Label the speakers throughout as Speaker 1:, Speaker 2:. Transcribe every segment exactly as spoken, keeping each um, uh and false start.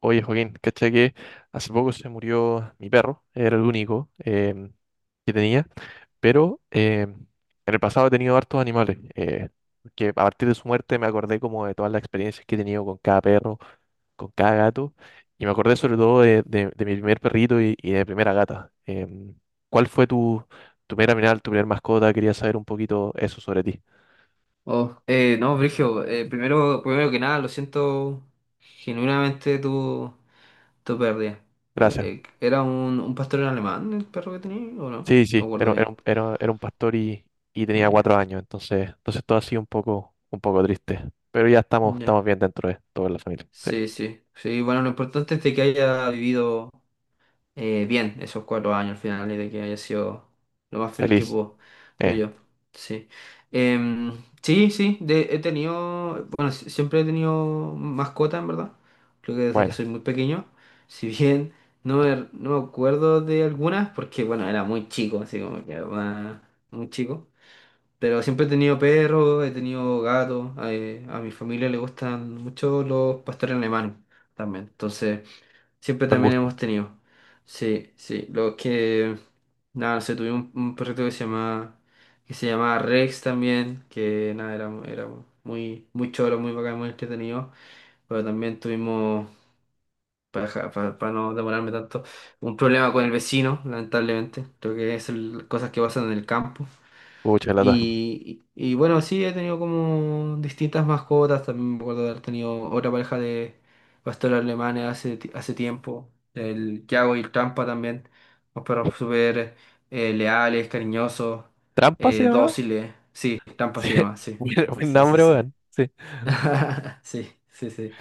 Speaker 1: Oye, Joaquín, caché que hace poco se murió mi perro, era el único em, que tenía, pero em, en el pasado he tenido hartos animales, eh, que a partir de su muerte me acordé como de todas las experiencias que he tenido con cada perro, con cada gato, y me acordé sobre todo de, de- de mi primer perrito y, y de mi primera gata. Em, ¿cuál fue tu, tu primera mirada, tu primera mascota? Quería saber un poquito eso sobre ti.
Speaker 2: Oh, eh, no, Brigio, eh, primero, primero que nada, lo siento genuinamente tu, tu pérdida. Eh,
Speaker 1: Gracias.
Speaker 2: eh, ¿era un, un pastor alemán el perro que tenía o no? No
Speaker 1: Sí,
Speaker 2: me
Speaker 1: sí,
Speaker 2: acuerdo
Speaker 1: era, era,
Speaker 2: bien.
Speaker 1: un, era, era un pastor y, y
Speaker 2: No,
Speaker 1: tenía
Speaker 2: ya.
Speaker 1: cuatro años, entonces, entonces todo ha sido un poco, un poco triste. Pero ya estamos,
Speaker 2: Ya.
Speaker 1: estamos bien dentro de toda la familia. Sí.
Speaker 2: Sí, sí. Sí, bueno, lo importante es de que haya vivido, eh, bien esos cuatro años al final y de que haya sido lo más feliz que
Speaker 1: Feliz.
Speaker 2: pudo,
Speaker 1: Eh,
Speaker 2: creo yo. Sí. Em, sí, sí, de- he tenido, bueno, si- siempre he tenido mascota, en verdad. Creo que desde que
Speaker 1: buena.
Speaker 2: soy muy pequeño. Si bien no me, no me acuerdo de algunas, porque bueno, era muy chico, así como que ah, muy chico. Pero siempre he tenido perros, he tenido gatos. Eh, a mi familia le gustan mucho los pastores alemanes también. Entonces. Siempre
Speaker 1: Buen
Speaker 2: también
Speaker 1: gusto.
Speaker 2: hemos tenido. Sí, sí. Lo que. Nada, no sé, tuve un, un perrito que se llama. Que se llamaba Rex también. Que nada, era, era muy, muy choro, muy bacán, muy entretenido. Pero también tuvimos. Para, para, para no demorarme tanto. Un problema con el vecino, lamentablemente. Creo que es el- cosas que pasan en el campo.
Speaker 1: Pucha, lata.
Speaker 2: Y, y- bueno, sí, he tenido como distintas mascotas. También me acuerdo de haber tenido otra pareja de pastores alemanes hace, ti- hace tiempo. El Yago y el Trampa también. Unos perros súper eh, leales, cariñosos,
Speaker 1: ¿Trampa se
Speaker 2: eh,
Speaker 1: llama?
Speaker 2: dóciles. Sí, Trampa
Speaker 1: Sí.
Speaker 2: se llama, sí.
Speaker 1: Buen, buen
Speaker 2: Sí, sí,
Speaker 1: nombre,
Speaker 2: sí.
Speaker 1: weón. Sí.
Speaker 2: Sí, sí, sí.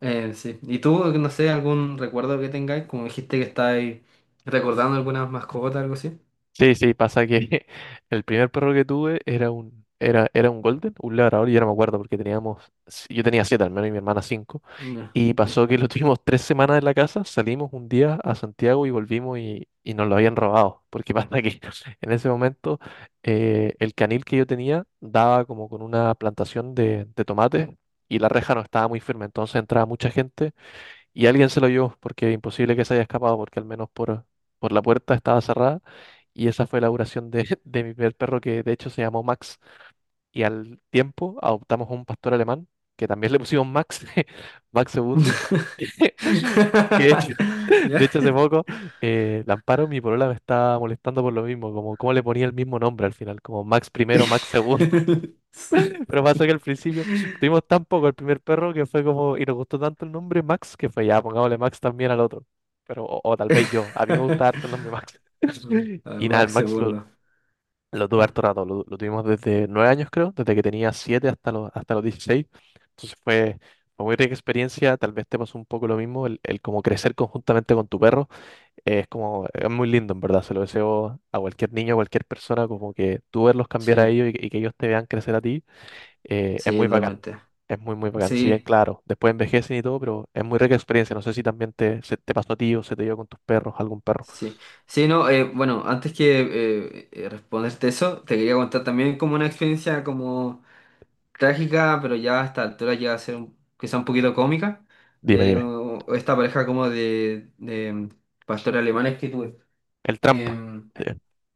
Speaker 2: Eh, sí. ¿Y tú, no sé, algún recuerdo que tengáis? Como dijiste que estáis recordando algunas mascotas, algo así.
Speaker 1: Sí, sí, pasa que el primer perro que tuve era un, era, era un Golden, un labrador, y ya no me acuerdo porque teníamos, si- yo tenía siete al menos y mi hermana cinco,
Speaker 2: No,
Speaker 1: y
Speaker 2: no.
Speaker 1: pasó que lo tuvimos tres semanas en la casa, salimos un día a Santiago y volvimos y, y nos lo habían robado, porque pasa que en ese momento eh, el canil que yo tenía daba como con una plantación de, de tomates y la reja no estaba muy firme, entonces entraba mucha gente y alguien se lo llevó, porque imposible que se haya escapado, porque al menos por, por la puerta estaba cerrada. Y esa fue la duración de, de mi primer perro, que de hecho se llamó Max. Y al tiempo adoptamos un pastor alemán, que también le pusimos Max, Max segundo. Que de hecho,
Speaker 2: ¿Ya?
Speaker 1: de hecho hace poco, eh, la Amparo, mi polola, me estaba molestando por lo mismo, como cómo le ponía el mismo nombre al final, como Max primero, Max segundo.
Speaker 2: Sí,
Speaker 1: Pero pasó que
Speaker 2: sí.
Speaker 1: al principio tuvimos tan poco el primer perro que fue como, y nos gustó tanto el nombre Max que fue ya, pongámosle Max también al otro. Pero, o, o tal vez yo, a mí me gusta harto el nombre Max.
Speaker 2: A ver,
Speaker 1: Y nada, el
Speaker 2: Max
Speaker 1: Max lo,
Speaker 2: segundo.
Speaker 1: lo tuve
Speaker 2: Mm.
Speaker 1: harto rato, lo, lo tuvimos desde nueve años creo, desde que tenía siete hasta los, hasta los dieciséis. Entonces fue, fue muy rica experiencia, tal vez te pasó un poco lo mismo, el, el como crecer conjuntamente con tu perro, eh, es como, es muy lindo en verdad, se lo deseo a cualquier niño, a cualquier persona, como que tú verlos cambiar a
Speaker 2: Sí,
Speaker 1: ellos y, que y que ellos te vean crecer a ti, eh, es
Speaker 2: sí,
Speaker 1: muy bacán.
Speaker 2: totalmente.
Speaker 1: Es muy, muy bacán. Si bien,
Speaker 2: Sí,
Speaker 1: claro, después envejecen y todo, pero es muy rica experiencia. No sé si también te, se te pasó a ti o se te dio con tus perros, algún perro.
Speaker 2: sí. Sí, no, eh, bueno, antes que eh, eh, responderte eso, te quería contar también como una experiencia como trágica, pero ya a esta altura llega a ser un- quizá un poquito cómica,
Speaker 1: Dime,
Speaker 2: de
Speaker 1: dime.
Speaker 2: uh, esta pareja como de, de, mm, pastores alemanes que tuve.
Speaker 1: El trampa.
Speaker 2: Em,
Speaker 1: Sí.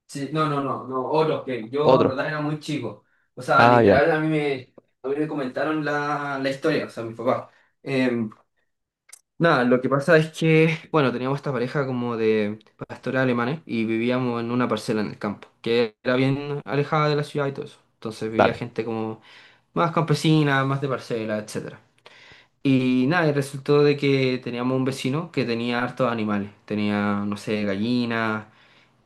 Speaker 2: Sí, no, no, no, no, otros que yo en
Speaker 1: Otro.
Speaker 2: verdad era muy chico. O sea,
Speaker 1: Ah, ya.
Speaker 2: literal, a mí me, a mí me comentaron la, la historia, o sea, mi papá. Em, nada, lo que pasa es que, bueno, teníamos esta pareja como de pastores alemanes y vivíamos en una parcela en el campo, que era bien alejada de la ciudad y todo eso. Entonces vivía
Speaker 1: Dale.
Speaker 2: gente como más campesina, más de parcela, etcétera. Y nada, y resultó de que teníamos un vecino que tenía hartos animales. Tenía, no sé, gallinas,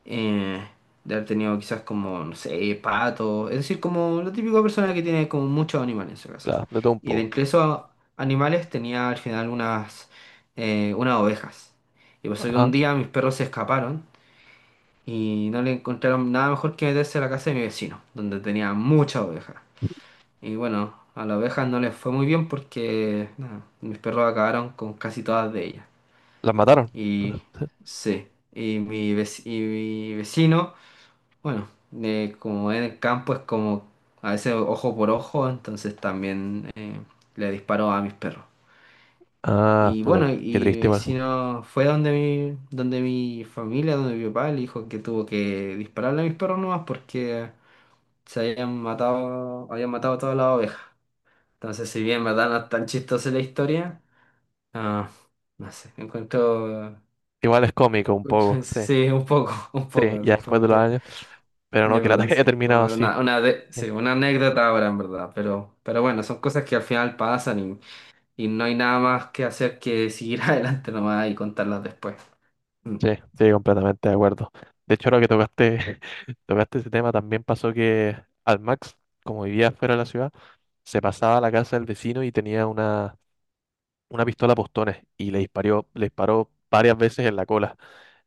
Speaker 2: eh, de haber tenido quizás como, no sé, pato, es decir, como la típica persona que tiene como muchos animales en su casa.
Speaker 1: La- de todo un
Speaker 2: Y de
Speaker 1: poco.
Speaker 2: entre esos animales tenía al final unas, eh, unas ovejas. Y pasó que un
Speaker 1: Ajá.
Speaker 2: día mis perros se escaparon y no le encontraron nada mejor que meterse a la casa de mi vecino, donde tenía muchas ovejas. Y bueno, a las ovejas no les fue muy bien porque nada, mis perros acabaron con casi todas de ellas.
Speaker 1: ¿Las mataron?
Speaker 2: Y sí, y mi, vec- y mi vecino bueno, eh, como en el campo es como a veces ojo por ojo, entonces también eh, le disparo a mis perros.
Speaker 1: Ah,
Speaker 2: Y
Speaker 1: pude.
Speaker 2: bueno,
Speaker 1: Qué triste,
Speaker 2: y si
Speaker 1: igual.
Speaker 2: no fue donde mi, donde mi familia, donde mi papá, le dijo que tuvo que dispararle a mis perros nomás porque se habían matado, habían matado todas las ovejas. Entonces, si bien verdad no es tan chistosa la historia, ah, no sé, encuentro,
Speaker 1: Igual es cómico un poco. Sí.
Speaker 2: sí, un poco, un poco,
Speaker 1: Sí,
Speaker 2: así
Speaker 1: ya después
Speaker 2: como
Speaker 1: de los
Speaker 2: que...
Speaker 1: años. Pero
Speaker 2: es
Speaker 1: no, que la
Speaker 2: verdad,
Speaker 1: ataque haya
Speaker 2: sí.
Speaker 1: terminado
Speaker 2: Como era
Speaker 1: así.
Speaker 2: una, una de- sí, una anécdota ahora, en verdad. Pero, pero bueno, son cosas que al final pasan y, y no hay nada más que hacer que seguir adelante nomás y contarlas después. Mm,
Speaker 1: Sí, sí, completamente de acuerdo. De hecho, ahora que tocaste, tocaste ese tema, también pasó que al Max, como vivía fuera de la ciudad, se pasaba a la casa del vecino y tenía una, una pistola a postones y le disparó, le disparó varias veces en la cola.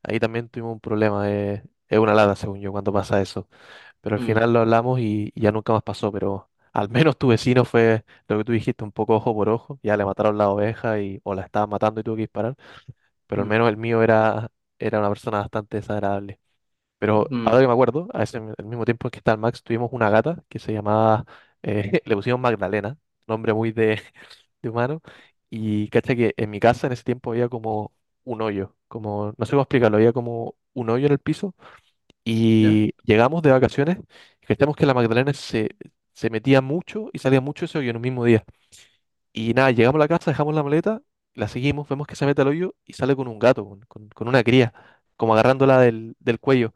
Speaker 1: Ahí también tuvimos un problema, eh, es una lata, según yo, cuando pasa eso. Pero al
Speaker 2: mm,
Speaker 1: final lo hablamos y, y ya nunca más pasó, pero al menos tu vecino fue lo que tú dijiste, un poco ojo por ojo, ya le mataron la oveja y, o la estaban matando y tuvo que disparar, pero al
Speaker 2: mm,
Speaker 1: menos el mío era, era una persona bastante desagradable. Pero
Speaker 2: mm.
Speaker 1: ahora que me acuerdo, a ese, al mismo tiempo que está el Max, tuvimos una gata que se llamaba, eh, le pusimos Magdalena, nombre muy de, de humano. Y cacha que en mi casa en ese tiempo había como un hoyo, como, no sé cómo explicarlo, había como un hoyo en el piso.
Speaker 2: ¿Ya?
Speaker 1: Y llegamos de vacaciones y cachamos que la Magdalena se, se metía mucho y salía mucho ese hoyo en un mismo día. Y nada, llegamos a la casa, dejamos la maleta, la seguimos, vemos que se mete al hoyo y sale con un gato, con, con- con una cría, como agarrándola del, del cuello.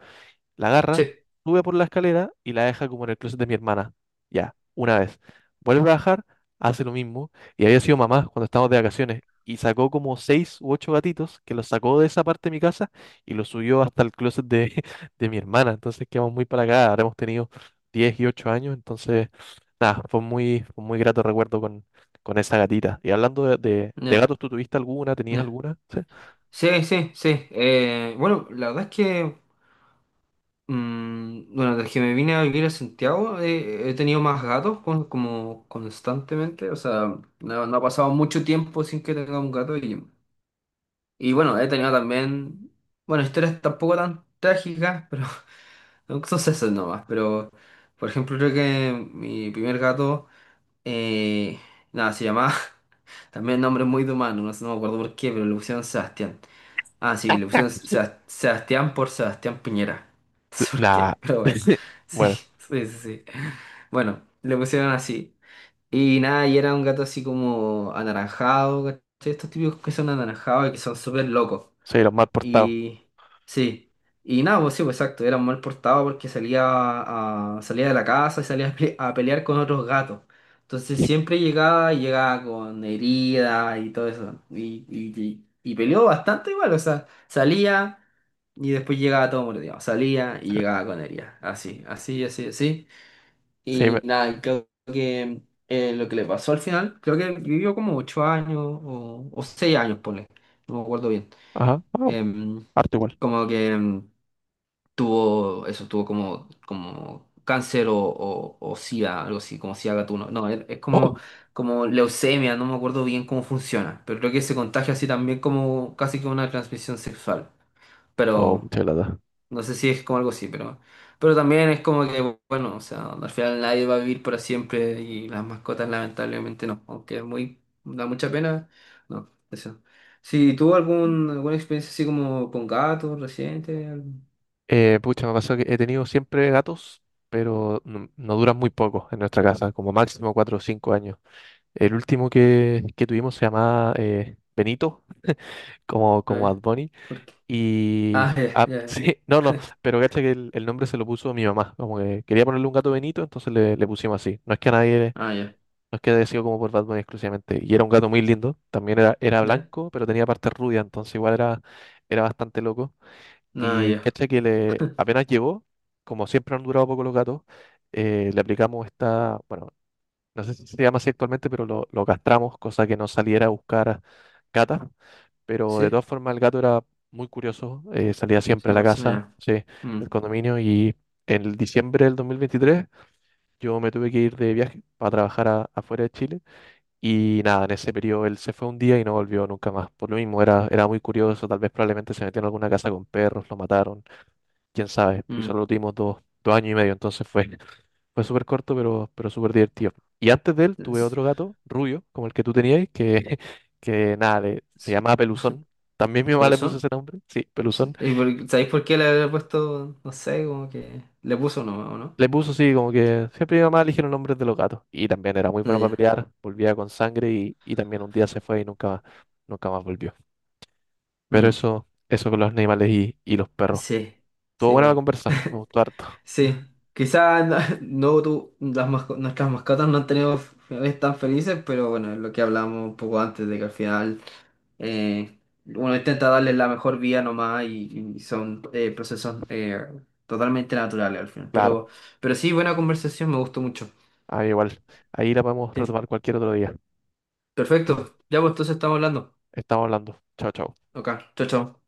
Speaker 1: La
Speaker 2: Sí,
Speaker 1: agarra, sube por la escalera y la deja como en el closet de mi hermana. Ya, una vez. Vuelve a bajar, hace lo mismo. Y había sido mamá cuando estábamos de vacaciones. Y sacó como seis u ocho gatitos que los sacó de esa parte de mi casa y los subió hasta el closet de, de mi hermana. Entonces quedamos muy para acá. Ahora hemos tenido diez y ocho años. Entonces, nada, fue muy, fue muy grato recuerdo con, con esa gatita. Y hablando de, de- de
Speaker 2: ya,
Speaker 1: gatos, ¿tú tuviste alguna? ¿Tenías
Speaker 2: ya.
Speaker 1: alguna?
Speaker 2: Sí, sí, sí. Eh, bueno, la verdad es que, mm, bueno, desde que me vine a vivir a Santiago eh, he tenido más gatos con- como constantemente. O sea, no, no ha pasado mucho tiempo sin que tenga un gato. y Y bueno, he tenido también, bueno, historias tampoco tan trágicas, pero son sucesos nomás. Pero, por ejemplo, creo que mi primer gato, eh, nada, se llamaba, también nombre muy de humano, no sé, no me acuerdo por qué, pero le pusieron Sebastián. Ah, sí, le pusieron Sebas- Sebastián por Sebastián Piñera. No sé por
Speaker 1: Nah.
Speaker 2: qué, pero bueno, sí,
Speaker 1: Bueno,
Speaker 2: sí, sí, sí. Bueno, le pusieron así. Y nada, y era un gato así como anaranjado, ¿cachai? Estos típicos que son anaranjados y que son súper locos.
Speaker 1: soy los mal portados.
Speaker 2: Y sí, y nada, pues sí, pues exacto, era mal portado porque salía, a- salía de la casa y salía a, pe- a pelear con otros gatos. Entonces siempre llegaba y llegaba con heridas y todo eso. Y, y, y, y peleó bastante igual, o sea, salía y después llegaba todo mordido. Salía y llegaba con heridas. Así, así, así, así.
Speaker 1: Sí,
Speaker 2: Y
Speaker 1: me-
Speaker 2: nada, y creo que eh, lo que le pasó al final, creo que vivió como ocho años o, o seis años, ponle. No me acuerdo bien.
Speaker 1: ajá, oh,
Speaker 2: em,
Speaker 1: harto igual.
Speaker 2: Como que em, tuvo eso, tuvo como, como cáncer o, o, o SIDA, algo así, como SIDA gatuno. No, es, es como, como leucemia, no me acuerdo bien cómo funciona, pero creo que se contagia así también como casi que una transmisión sexual.
Speaker 1: Oh, oh,
Speaker 2: Pero
Speaker 1: mucha lata.
Speaker 2: no sé si es como algo así, pero, pero también es como que, bueno, o sea, al final nadie va a vivir para siempre y las mascotas lamentablemente no, aunque es muy, da mucha pena, no, eso. Si tuvo algún, alguna experiencia así como con gatos reciente, al-
Speaker 1: Eh, pucha, me pasó que he tenido siempre gatos, pero no, no duran muy poco en nuestra casa, como máximo cuatro o cinco años. El último que, que tuvimos se llamaba eh, Benito, como,
Speaker 2: a
Speaker 1: como
Speaker 2: ver,
Speaker 1: Adboni.
Speaker 2: ¿por qué?
Speaker 1: Y.
Speaker 2: Ah, ya,
Speaker 1: Ah,
Speaker 2: ya,
Speaker 1: sí, no, no,
Speaker 2: ya.
Speaker 1: pero cacha que el, el nombre se lo puso mi mamá. Como que quería ponerle un gato Benito, entonces le, le pusimos así. No es que a nadie,
Speaker 2: Ah, ya,
Speaker 1: no es que haya sido como por Batman exclusivamente. Y era un gato muy lindo, también era, era
Speaker 2: ya,
Speaker 1: blanco, pero tenía partes rubias, entonces igual era, era bastante loco.
Speaker 2: no,
Speaker 1: Y
Speaker 2: ya,
Speaker 1: cacha que le, apenas llegó, como siempre han durado poco los gatos, eh, le aplicamos esta, bueno, no sé si se llama así actualmente, pero lo, lo castramos, cosa que no saliera a buscar gatas, pero de
Speaker 2: sí,
Speaker 1: todas formas el gato era muy curioso, eh, salía siempre
Speaker 2: sí,
Speaker 1: a la casa,
Speaker 2: Barcelona,
Speaker 1: sí,
Speaker 2: ya.
Speaker 1: del
Speaker 2: Mm,
Speaker 1: condominio y en diciembre del dos mil veintitrés yo me tuve que ir de viaje para trabajar a- afuera de Chile y nada, en ese periodo él se fue un día y no volvió nunca más. Por lo mismo era, era muy curioso, tal vez probablemente se metió en alguna casa con perros, lo mataron, quién sabe, y solo
Speaker 2: mm.
Speaker 1: lo tuvimos dos, dos años y medio, entonces fue, fue súper corto, pero, pero súper divertido. Y antes de él tuve
Speaker 2: Es-
Speaker 1: otro gato, rubio, como el que tú tenías, que, que nada, le- se
Speaker 2: es-
Speaker 1: llamaba Peluzón. También mi mamá
Speaker 2: pero
Speaker 1: le puso
Speaker 2: son,
Speaker 1: ese nombre, sí,
Speaker 2: sí.
Speaker 1: Peluzón.
Speaker 2: ¿Y por- ¿sabéis por qué le había puesto, no sé, como que le puso no, o no?
Speaker 1: Le puso, sí, como que siempre mi mamá eligió los nombres de los gatos. Y también era muy
Speaker 2: Ah,
Speaker 1: bueno para
Speaker 2: ya.
Speaker 1: pelear, volvía con sangre y, y también un día se fue y nunca más, nunca más volvió. Pero
Speaker 2: Mm.
Speaker 1: eso, eso con los animales y, y los perros.
Speaker 2: Sí,
Speaker 1: Estuvo
Speaker 2: sí,
Speaker 1: buena la
Speaker 2: bueno.
Speaker 1: conversa, me gustó harto,
Speaker 2: Sí, quizás no, no tu- las masco- nuestras mascotas no han tenido finales tan felices, pero bueno, es lo que hablamos un poco antes de que al final eh, uno intenta darles la mejor vida nomás y, y son eh, procesos eh, totalmente naturales al final.
Speaker 1: claro.
Speaker 2: Pero, pero sí, buena conversación, me gustó mucho.
Speaker 1: Ahí igual, ahí la podemos
Speaker 2: Sí,
Speaker 1: retomar cualquier otro día.
Speaker 2: perfecto. Ya pues entonces estamos hablando.
Speaker 1: Estamos hablando. Chao, chao.
Speaker 2: Ok, chao, chao.